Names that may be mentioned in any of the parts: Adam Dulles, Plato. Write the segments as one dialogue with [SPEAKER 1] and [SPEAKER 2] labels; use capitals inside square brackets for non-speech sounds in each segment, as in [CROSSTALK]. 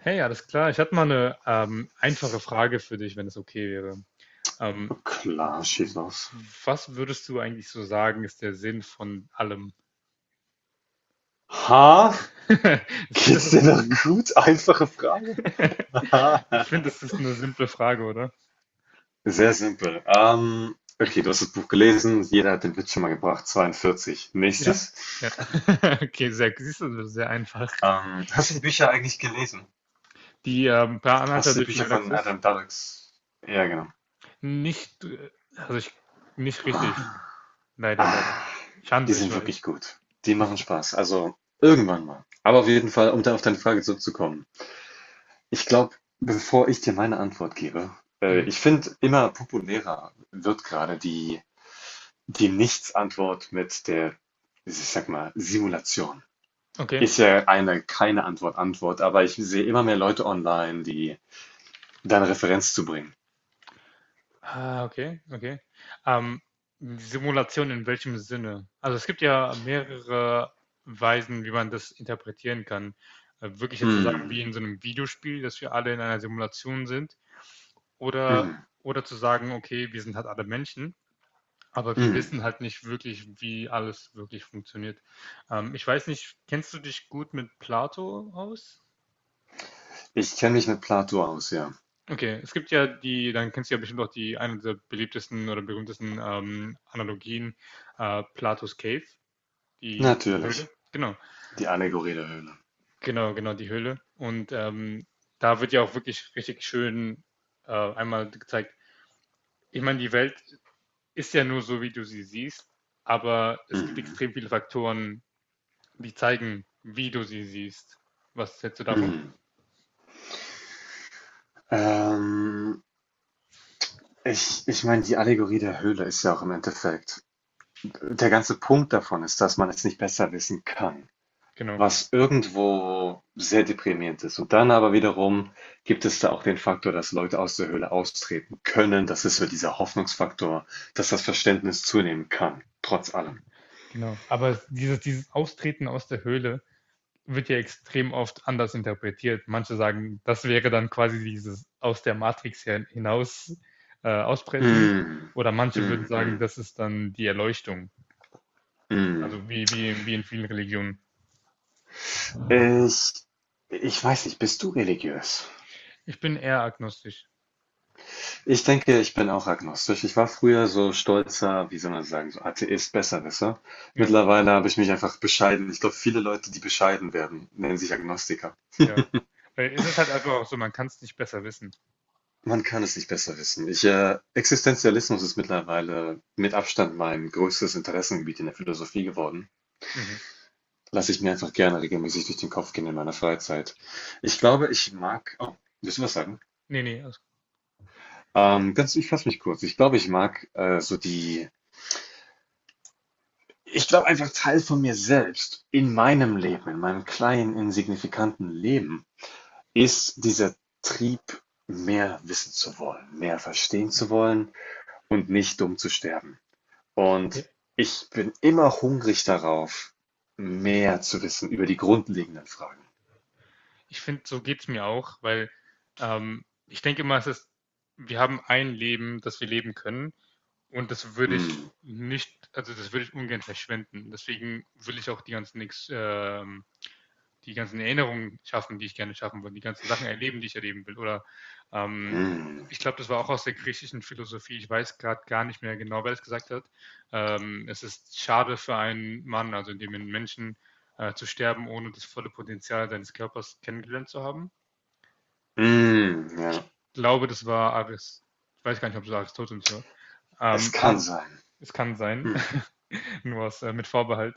[SPEAKER 1] Hey, ja, alles klar. Ich hatte mal eine einfache Frage für dich, wenn es okay wäre. Ähm,
[SPEAKER 2] Klar, schieß los.
[SPEAKER 1] was würdest du eigentlich so sagen, ist der Sinn von allem?
[SPEAKER 2] Ha?
[SPEAKER 1] [LAUGHS] Ich finde, das
[SPEAKER 2] Geht's
[SPEAKER 1] ist
[SPEAKER 2] dir
[SPEAKER 1] ein
[SPEAKER 2] noch gut? Einfache Frage.
[SPEAKER 1] [LAUGHS]
[SPEAKER 2] [LAUGHS]
[SPEAKER 1] ich finde, das ist eine simple Frage, oder?
[SPEAKER 2] Sehr simpel. Okay, du hast das Buch gelesen. Jeder hat den Witz schon mal gebracht. 42.
[SPEAKER 1] Ja.
[SPEAKER 2] Nächstes.
[SPEAKER 1] Ja. [LAUGHS] Okay, sehr, siehst du, sehr einfach.
[SPEAKER 2] Hast du die Bücher eigentlich gelesen?
[SPEAKER 1] Die Per Anhalter
[SPEAKER 2] Hast du die
[SPEAKER 1] durch die
[SPEAKER 2] Bücher von
[SPEAKER 1] Galaxis?
[SPEAKER 2] Adam Dulles? Ja, genau.
[SPEAKER 1] Nicht, also ich, nicht richtig. Leider, leider.
[SPEAKER 2] Ah, die
[SPEAKER 1] Schande, ich
[SPEAKER 2] sind wirklich
[SPEAKER 1] weiß.
[SPEAKER 2] gut. Die machen
[SPEAKER 1] [LAUGHS]
[SPEAKER 2] Spaß. Also irgendwann mal. Aber auf jeden Fall, um da auf deine Frage zurückzukommen. Ich glaube, bevor ich dir meine Antwort gebe,
[SPEAKER 1] Mhm.
[SPEAKER 2] ich finde, immer populärer wird gerade die Nichts-Antwort mit der, ich sag mal, Simulation.
[SPEAKER 1] Okay.
[SPEAKER 2] Ist ja eine keine Antwort, Antwort, aber ich sehe immer mehr Leute online, die deine Referenz zu bringen.
[SPEAKER 1] Ah, okay, okay. Ähm, Simulation in welchem Sinne? Also es gibt ja mehrere Weisen, wie man das interpretieren kann. Wirklich jetzt zu sagen,
[SPEAKER 2] Mm,
[SPEAKER 1] wie in so einem Videospiel, dass wir alle in einer Simulation sind, oder,
[SPEAKER 2] mm,
[SPEAKER 1] oder zu sagen, okay, wir sind halt alle Menschen, aber wir
[SPEAKER 2] mm.
[SPEAKER 1] wissen halt nicht wirklich, wie alles wirklich funktioniert. Ich weiß nicht, kennst du dich gut mit Plato aus?
[SPEAKER 2] Ich kenne mich mit Plato aus, ja.
[SPEAKER 1] Okay, es gibt ja die dann kennst du ja bestimmt auch die eine der beliebtesten oder berühmtesten, Analogien, Platos Cave, die die
[SPEAKER 2] Natürlich.
[SPEAKER 1] Höhle. Genau,
[SPEAKER 2] Die Allegorie der Höhle.
[SPEAKER 1] genau, genau, die Höhle. Und, da wird ja auch wirklich richtig schön, einmal gezeigt, ich meine, die Welt ist ja nur so, wie du sie siehst, aber es gibt
[SPEAKER 2] Mhm.
[SPEAKER 1] extrem viele Faktoren, die zeigen, wie du sie siehst. Was hältst du davon?
[SPEAKER 2] Mhm. Ähm, ich meine, die Allegorie der Höhle ist ja auch im Endeffekt. Der ganze Punkt davon ist, dass man es nicht besser wissen kann,
[SPEAKER 1] Genau,
[SPEAKER 2] was irgendwo sehr deprimierend ist. Und dann aber wiederum gibt es da auch den Faktor, dass Leute aus der Höhle austreten können. Das ist so dieser Hoffnungsfaktor, dass das Verständnis zunehmen kann, trotz allem.
[SPEAKER 1] genau. Aber es, dieses Austreten aus der Höhle wird ja extrem oft anders interpretiert. Manche sagen, das wäre dann quasi dieses aus der Matrix hinaus ausbrechen.
[SPEAKER 2] Mm,
[SPEAKER 1] Oder manche würden sagen,
[SPEAKER 2] mm,
[SPEAKER 1] das ist dann die Erleuchtung.
[SPEAKER 2] mm, mm.
[SPEAKER 1] Also wie in vielen Religionen.
[SPEAKER 2] Ich, ich weiß nicht, bist du religiös?
[SPEAKER 1] Ich bin eher agnostisch.
[SPEAKER 2] Ich denke, ich bin auch agnostisch. Ich war früher so stolzer, wie soll man sagen, so Atheist, Besserwisser.
[SPEAKER 1] Ja,
[SPEAKER 2] Mittlerweile habe ich mich einfach bescheiden. Ich glaube, viele Leute, die bescheiden werden, nennen sich Agnostiker.
[SPEAKER 1] ja. Weil es ist halt einfach auch so, man kann es nicht besser wissen.
[SPEAKER 2] Man kann es nicht besser wissen. Ich, Existenzialismus ist mittlerweile mit Abstand mein größtes Interessengebiet in der Philosophie geworden.
[SPEAKER 1] Mhm.
[SPEAKER 2] Lasse ich mir einfach gerne regelmäßig durch den Kopf gehen in meiner Freizeit. Ich
[SPEAKER 1] Das-
[SPEAKER 2] glaube, ich mag. Oh, willst du was sagen?
[SPEAKER 1] Nee, nee. Also,
[SPEAKER 2] Ich fasse mich kurz. Ich glaube, ich mag so die. Ich glaube einfach Teil von mir selbst in meinem Leben, in meinem kleinen, insignifikanten Leben, ist dieser Trieb, mehr wissen zu wollen, mehr verstehen zu
[SPEAKER 1] mhm.
[SPEAKER 2] wollen und nicht dumm zu sterben.
[SPEAKER 1] Ja.
[SPEAKER 2] Und ich bin immer hungrig darauf, mehr zu wissen über die grundlegenden Fragen.
[SPEAKER 1] Ich finde, so geht es mir auch, weil ich denke immer, es ist, wir haben ein Leben, das wir leben können. Und das würde ich
[SPEAKER 2] Mm,
[SPEAKER 1] nicht, also das würde ich ungern verschwenden. Deswegen will ich auch die ganzen, die ganzen Erinnerungen schaffen, die ich gerne schaffen will, die ganzen Sachen erleben, die ich erleben will. Oder ähm,
[SPEAKER 2] mm,
[SPEAKER 1] ich glaube, das war auch aus der griechischen Philosophie. Ich weiß gerade gar nicht mehr genau, wer das gesagt hat. Es ist schade für einen Mann, also in dem einen Menschen zu sterben, ohne das volle Potenzial seines Körpers kennengelernt zu haben.
[SPEAKER 2] mm, ja,
[SPEAKER 1] Ich glaube, das war Aris. Ich weiß gar nicht, ob es Aristoteles war.
[SPEAKER 2] es kann
[SPEAKER 1] Aber
[SPEAKER 2] sein.
[SPEAKER 1] es kann sein.
[SPEAKER 2] Mm,
[SPEAKER 1] [LAUGHS] [LAUGHS] nur aus, mit Vorbehalt.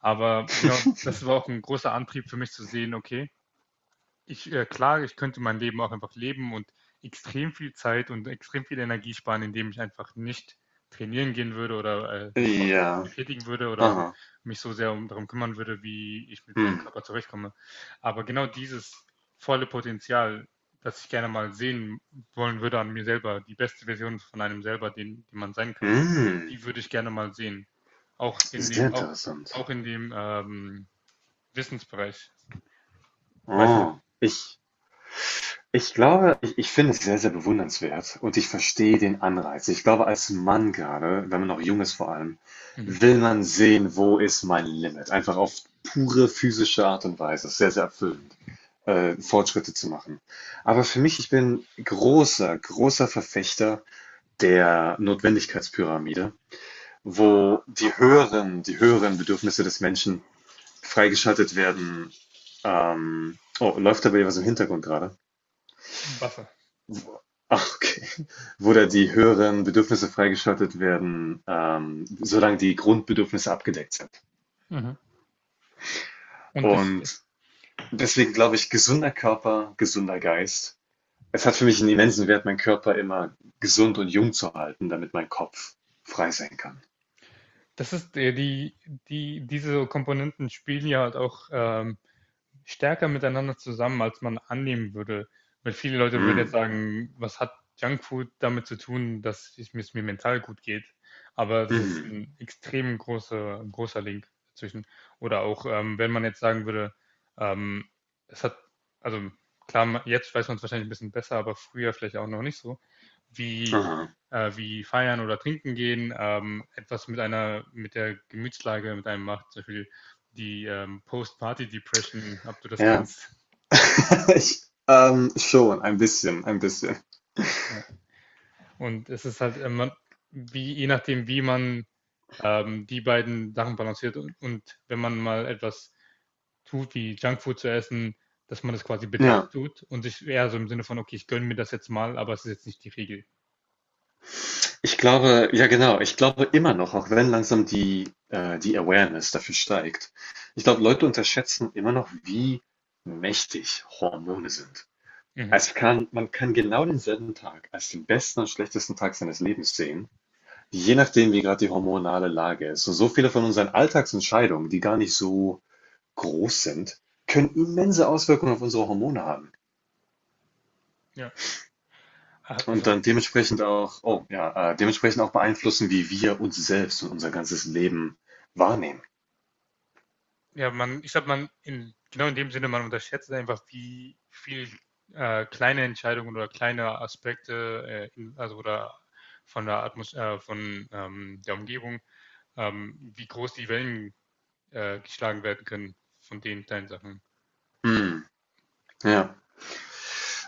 [SPEAKER 1] Aber genau, das war auch ein großer Antrieb für mich zu sehen, okay, ich, klar, ich könnte mein Leben auch einfach leben und extrem viel Zeit und extrem viel Energie sparen, indem ich einfach nicht trainieren gehen würde oder mich sportlich
[SPEAKER 2] ja,
[SPEAKER 1] betätigen würde oder
[SPEAKER 2] aha.
[SPEAKER 1] mich so sehr um, darum kümmern würde, wie ich mit meinem
[SPEAKER 2] Mm,
[SPEAKER 1] Körper zurechtkomme. Aber genau dieses volle Potenzial, das ich gerne mal sehen wollen würde an mir selber, die beste Version von einem selber, den, die man sein kann,
[SPEAKER 2] mm,
[SPEAKER 1] die würde ich gerne mal sehen. Auch in
[SPEAKER 2] sehr
[SPEAKER 1] dem, auch,
[SPEAKER 2] interessant.
[SPEAKER 1] auch in dem Wissensbereich. Weiß nicht.
[SPEAKER 2] Oh, ich. Ich glaube, ich finde es sehr, sehr bewundernswert und ich verstehe den Anreiz. Ich glaube, als Mann gerade, wenn man noch jung ist vor allem,
[SPEAKER 1] Mhm.
[SPEAKER 2] will man sehen, wo ist mein Limit? Einfach auf pure physische Art und Weise. Es ist sehr, sehr erfüllend, Fortschritte zu machen. Aber für mich, ich bin großer, großer Verfechter der Notwendigkeitspyramide, wo die höheren Bedürfnisse des Menschen freigeschaltet werden. Oh, läuft da bei dir was im Hintergrund gerade?
[SPEAKER 1] Wasser.
[SPEAKER 2] Wo- Ach, okay. Wo da die höheren Bedürfnisse freigeschaltet werden, solange die Grundbedürfnisse abgedeckt sind.
[SPEAKER 1] Mhm. Und das,
[SPEAKER 2] Und deswegen glaube ich, gesunder Körper, gesunder Geist. Es hat für
[SPEAKER 1] die-
[SPEAKER 2] mich einen immensen Wert, meinen Körper immer gesund und jung zu halten, damit mein Kopf frei sein kann.
[SPEAKER 1] das ist die, die, diese Komponenten spielen ja halt auch stärker miteinander zusammen, als man annehmen würde. Weil viele Leute würden jetzt
[SPEAKER 2] Hm,
[SPEAKER 1] sagen, was hat Junkfood damit zu tun, dass es mir mental gut geht? Aber das ist
[SPEAKER 2] mhm,
[SPEAKER 1] ein extrem großer, großer Link dazwischen. Oder auch, wenn man jetzt sagen würde, ähm, es hat, also klar, jetzt weiß man es wahrscheinlich ein bisschen besser, aber früher vielleicht auch noch nicht so, wie
[SPEAKER 2] aha.
[SPEAKER 1] wie feiern oder trinken gehen, etwas mit einer, mit der Gemütslage mit einem macht, zum Beispiel die Post-Party-Depression, ob du das
[SPEAKER 2] Ja,
[SPEAKER 1] kennst.
[SPEAKER 2] [LAUGHS] ich, schon, ein bisschen.
[SPEAKER 1] Ja. Und es ist halt, man, wie, je nachdem, wie man die beiden Sachen balanciert und wenn man mal etwas tut, wie Junkfood zu essen, dass man das quasi bedacht
[SPEAKER 2] Ja.
[SPEAKER 1] tut und sich eher so im Sinne von, okay, ich gönne mir das jetzt mal, aber es ist jetzt nicht die Regel.
[SPEAKER 2] Ich glaube, ja genau, ich glaube immer noch, auch wenn langsam die, die Awareness dafür steigt. Ich glaube, Leute unterschätzen immer noch, wie mächtig Hormone sind.
[SPEAKER 1] Mhm.
[SPEAKER 2] Es kann, man kann genau denselben Tag als den besten und schlechtesten Tag seines Lebens sehen, je nachdem, wie gerade die hormonale Lage ist. Und so viele von unseren Alltagsentscheidungen, die gar nicht so groß sind, können immense Auswirkungen auf unsere Hormone haben.
[SPEAKER 1] Ja.
[SPEAKER 2] Und
[SPEAKER 1] Also
[SPEAKER 2] dann dementsprechend auch, oh ja, dementsprechend auch beeinflussen, wie wir uns selbst und unser ganzes Leben wahrnehmen.
[SPEAKER 1] ja, man, ich glaube, man, in, genau in dem Sinne, man unterschätzt einfach, wie viel kleine Entscheidungen oder kleine Aspekte, in, also oder von der Atmos von der Umgebung, wie groß die Wellen geschlagen werden können von den kleinen Sachen.
[SPEAKER 2] Hm, ja.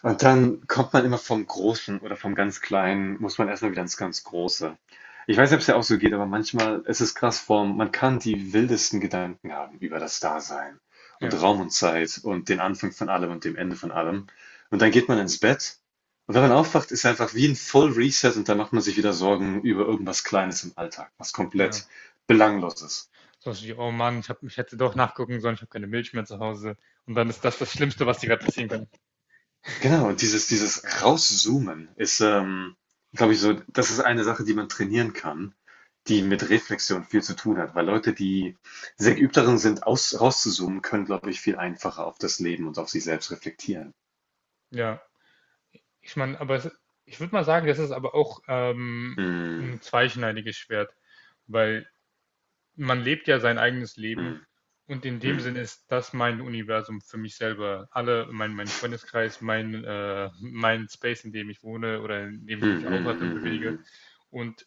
[SPEAKER 2] Und dann kommt man immer vom Großen oder vom ganz Kleinen, muss man erstmal wieder ins ganz Große. Ich weiß nicht, ob es dir auch so geht, aber manchmal ist es krass form. Man kann die wildesten Gedanken haben über das Dasein
[SPEAKER 1] Ja,
[SPEAKER 2] und Raum und Zeit und den Anfang von allem und dem Ende von allem. Und dann geht man ins Bett und wenn man aufwacht, ist einfach wie ein Full Reset und dann macht man sich wieder Sorgen über irgendwas Kleines im Alltag, was komplett
[SPEAKER 1] ja.
[SPEAKER 2] belangloses.
[SPEAKER 1] So wie, oh Mann, ich, hab, ich hätte doch nachgucken sollen, ich habe keine Milch mehr zu Hause. Und dann ist das das Schlimmste, was dir gerade passieren kann.
[SPEAKER 2] Genau, und dieses Rauszoomen ist, glaube ich, so, das ist eine Sache, die man trainieren kann, die mit Reflexion viel zu tun hat, weil Leute, die sehr geübt darin sind, rauszuzoomen, können, glaube ich, viel einfacher auf das Leben und auf sich selbst reflektieren.
[SPEAKER 1] Ja, ich meine, aber es, ich würde mal sagen, das ist aber auch
[SPEAKER 2] Mm,
[SPEAKER 1] ein zweischneidiges Schwert, weil man lebt ja sein eigenes Leben
[SPEAKER 2] mm,
[SPEAKER 1] und in dem
[SPEAKER 2] mm,
[SPEAKER 1] Sinn ist das mein Universum für mich selber. Alle, mein Freundeskreis, mein, mein Space, in dem ich wohne oder in dem
[SPEAKER 2] mm,
[SPEAKER 1] ich mich aufhalte und
[SPEAKER 2] mm,
[SPEAKER 1] bewege.
[SPEAKER 2] mm.
[SPEAKER 1] Und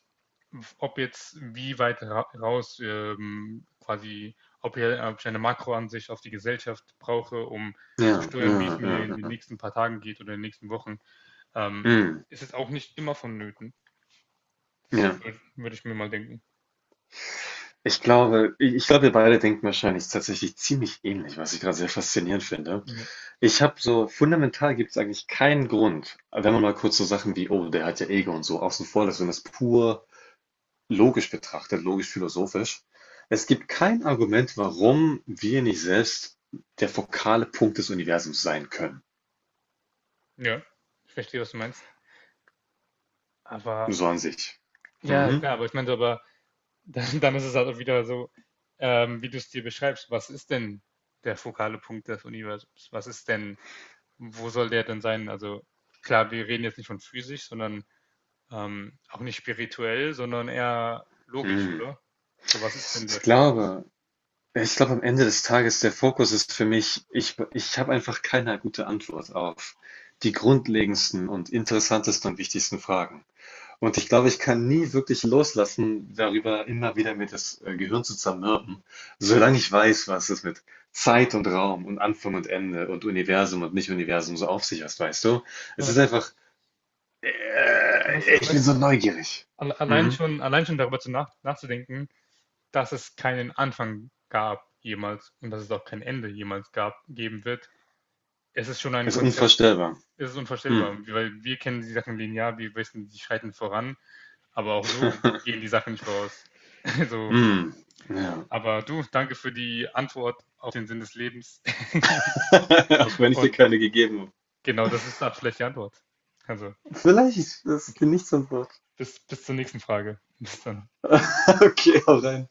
[SPEAKER 1] ob jetzt wie weit raus quasi, ob, hier, ob ich eine Makroansicht auf die Gesellschaft brauche, um zu
[SPEAKER 2] Ja,
[SPEAKER 1] steuern, wie es
[SPEAKER 2] ja,
[SPEAKER 1] mir
[SPEAKER 2] ja,
[SPEAKER 1] in den
[SPEAKER 2] ja.
[SPEAKER 1] nächsten paar Tagen geht oder in den nächsten Wochen, ähm,
[SPEAKER 2] Mm,
[SPEAKER 1] ist es auch nicht immer vonnöten. Das
[SPEAKER 2] ja.
[SPEAKER 1] würd ich mir mal denken.
[SPEAKER 2] Ich glaube, ich glaube, wir beide denken wahrscheinlich tatsächlich ziemlich ähnlich, was ich gerade sehr faszinierend finde.
[SPEAKER 1] Ja,
[SPEAKER 2] Ich habe so, fundamental gibt es eigentlich keinen Grund, wenn man mal kurz so Sachen wie, oh, der hat ja Ego und so außen vor lässt und das pur logisch betrachtet, logisch-philosophisch. Es gibt kein Argument, warum wir nicht selbst der fokale Punkt des Universums sein können.
[SPEAKER 1] Ja, ich verstehe, was du meinst. Aber
[SPEAKER 2] So an sich.
[SPEAKER 1] ja,
[SPEAKER 2] Mhm.
[SPEAKER 1] klar, aber ich meinte, aber [LAUGHS] dann, dann ist es halt auch wieder so, wie du es dir beschreibst, was ist denn der fokale Punkt des Universums? Was ist denn, wo soll der denn sein? Also klar, wir reden jetzt nicht von physisch, sondern auch nicht spirituell, sondern eher logisch,
[SPEAKER 2] Mhm.
[SPEAKER 1] oder? So, was ist denn
[SPEAKER 2] Ich
[SPEAKER 1] der Fokus?
[SPEAKER 2] glaube, ich glaube, am Ende des Tages, der Fokus ist für mich, ich habe einfach keine gute Antwort auf die grundlegendsten und interessantesten und wichtigsten Fragen. Und ich glaube, ich kann nie wirklich loslassen, darüber immer wieder mir das Gehirn zu zermürben, solange ich weiß, was es mit Zeit und Raum und Anfang und Ende und Universum und Nicht-Universum so auf sich hat, weißt du? Es
[SPEAKER 1] Ja,
[SPEAKER 2] ist einfach, ich bin
[SPEAKER 1] weißt du,
[SPEAKER 2] so neugierig. Mhm.
[SPEAKER 1] allein schon darüber zu nachzudenken, dass es keinen Anfang gab jemals und dass es auch kein Ende jemals gab, geben wird, es ist schon ein
[SPEAKER 2] Es ist
[SPEAKER 1] Konzept.
[SPEAKER 2] unvorstellbar.
[SPEAKER 1] Es ist
[SPEAKER 2] Mhm.
[SPEAKER 1] unvorstellbar, weil wir kennen die Sachen linear, wir wissen, die schreiten voran, aber auch so
[SPEAKER 2] [LAUGHS]
[SPEAKER 1] gehen die Sachen nicht voraus. [LAUGHS] Also,
[SPEAKER 2] Mhm. Ja.
[SPEAKER 1] aber du, danke für die Antwort auf den Sinn des Lebens. [LAUGHS]
[SPEAKER 2] [LAUGHS] Auch wenn ich dir
[SPEAKER 1] Und
[SPEAKER 2] keine gegeben habe.
[SPEAKER 1] genau, das ist die abschlechte Antwort. Also,
[SPEAKER 2] Vielleicht ist das dir
[SPEAKER 1] okay.
[SPEAKER 2] nicht so Wort.
[SPEAKER 1] Bis, bis zur nächsten Frage. Bis dann.
[SPEAKER 2] [LAUGHS] Okay, hau rein.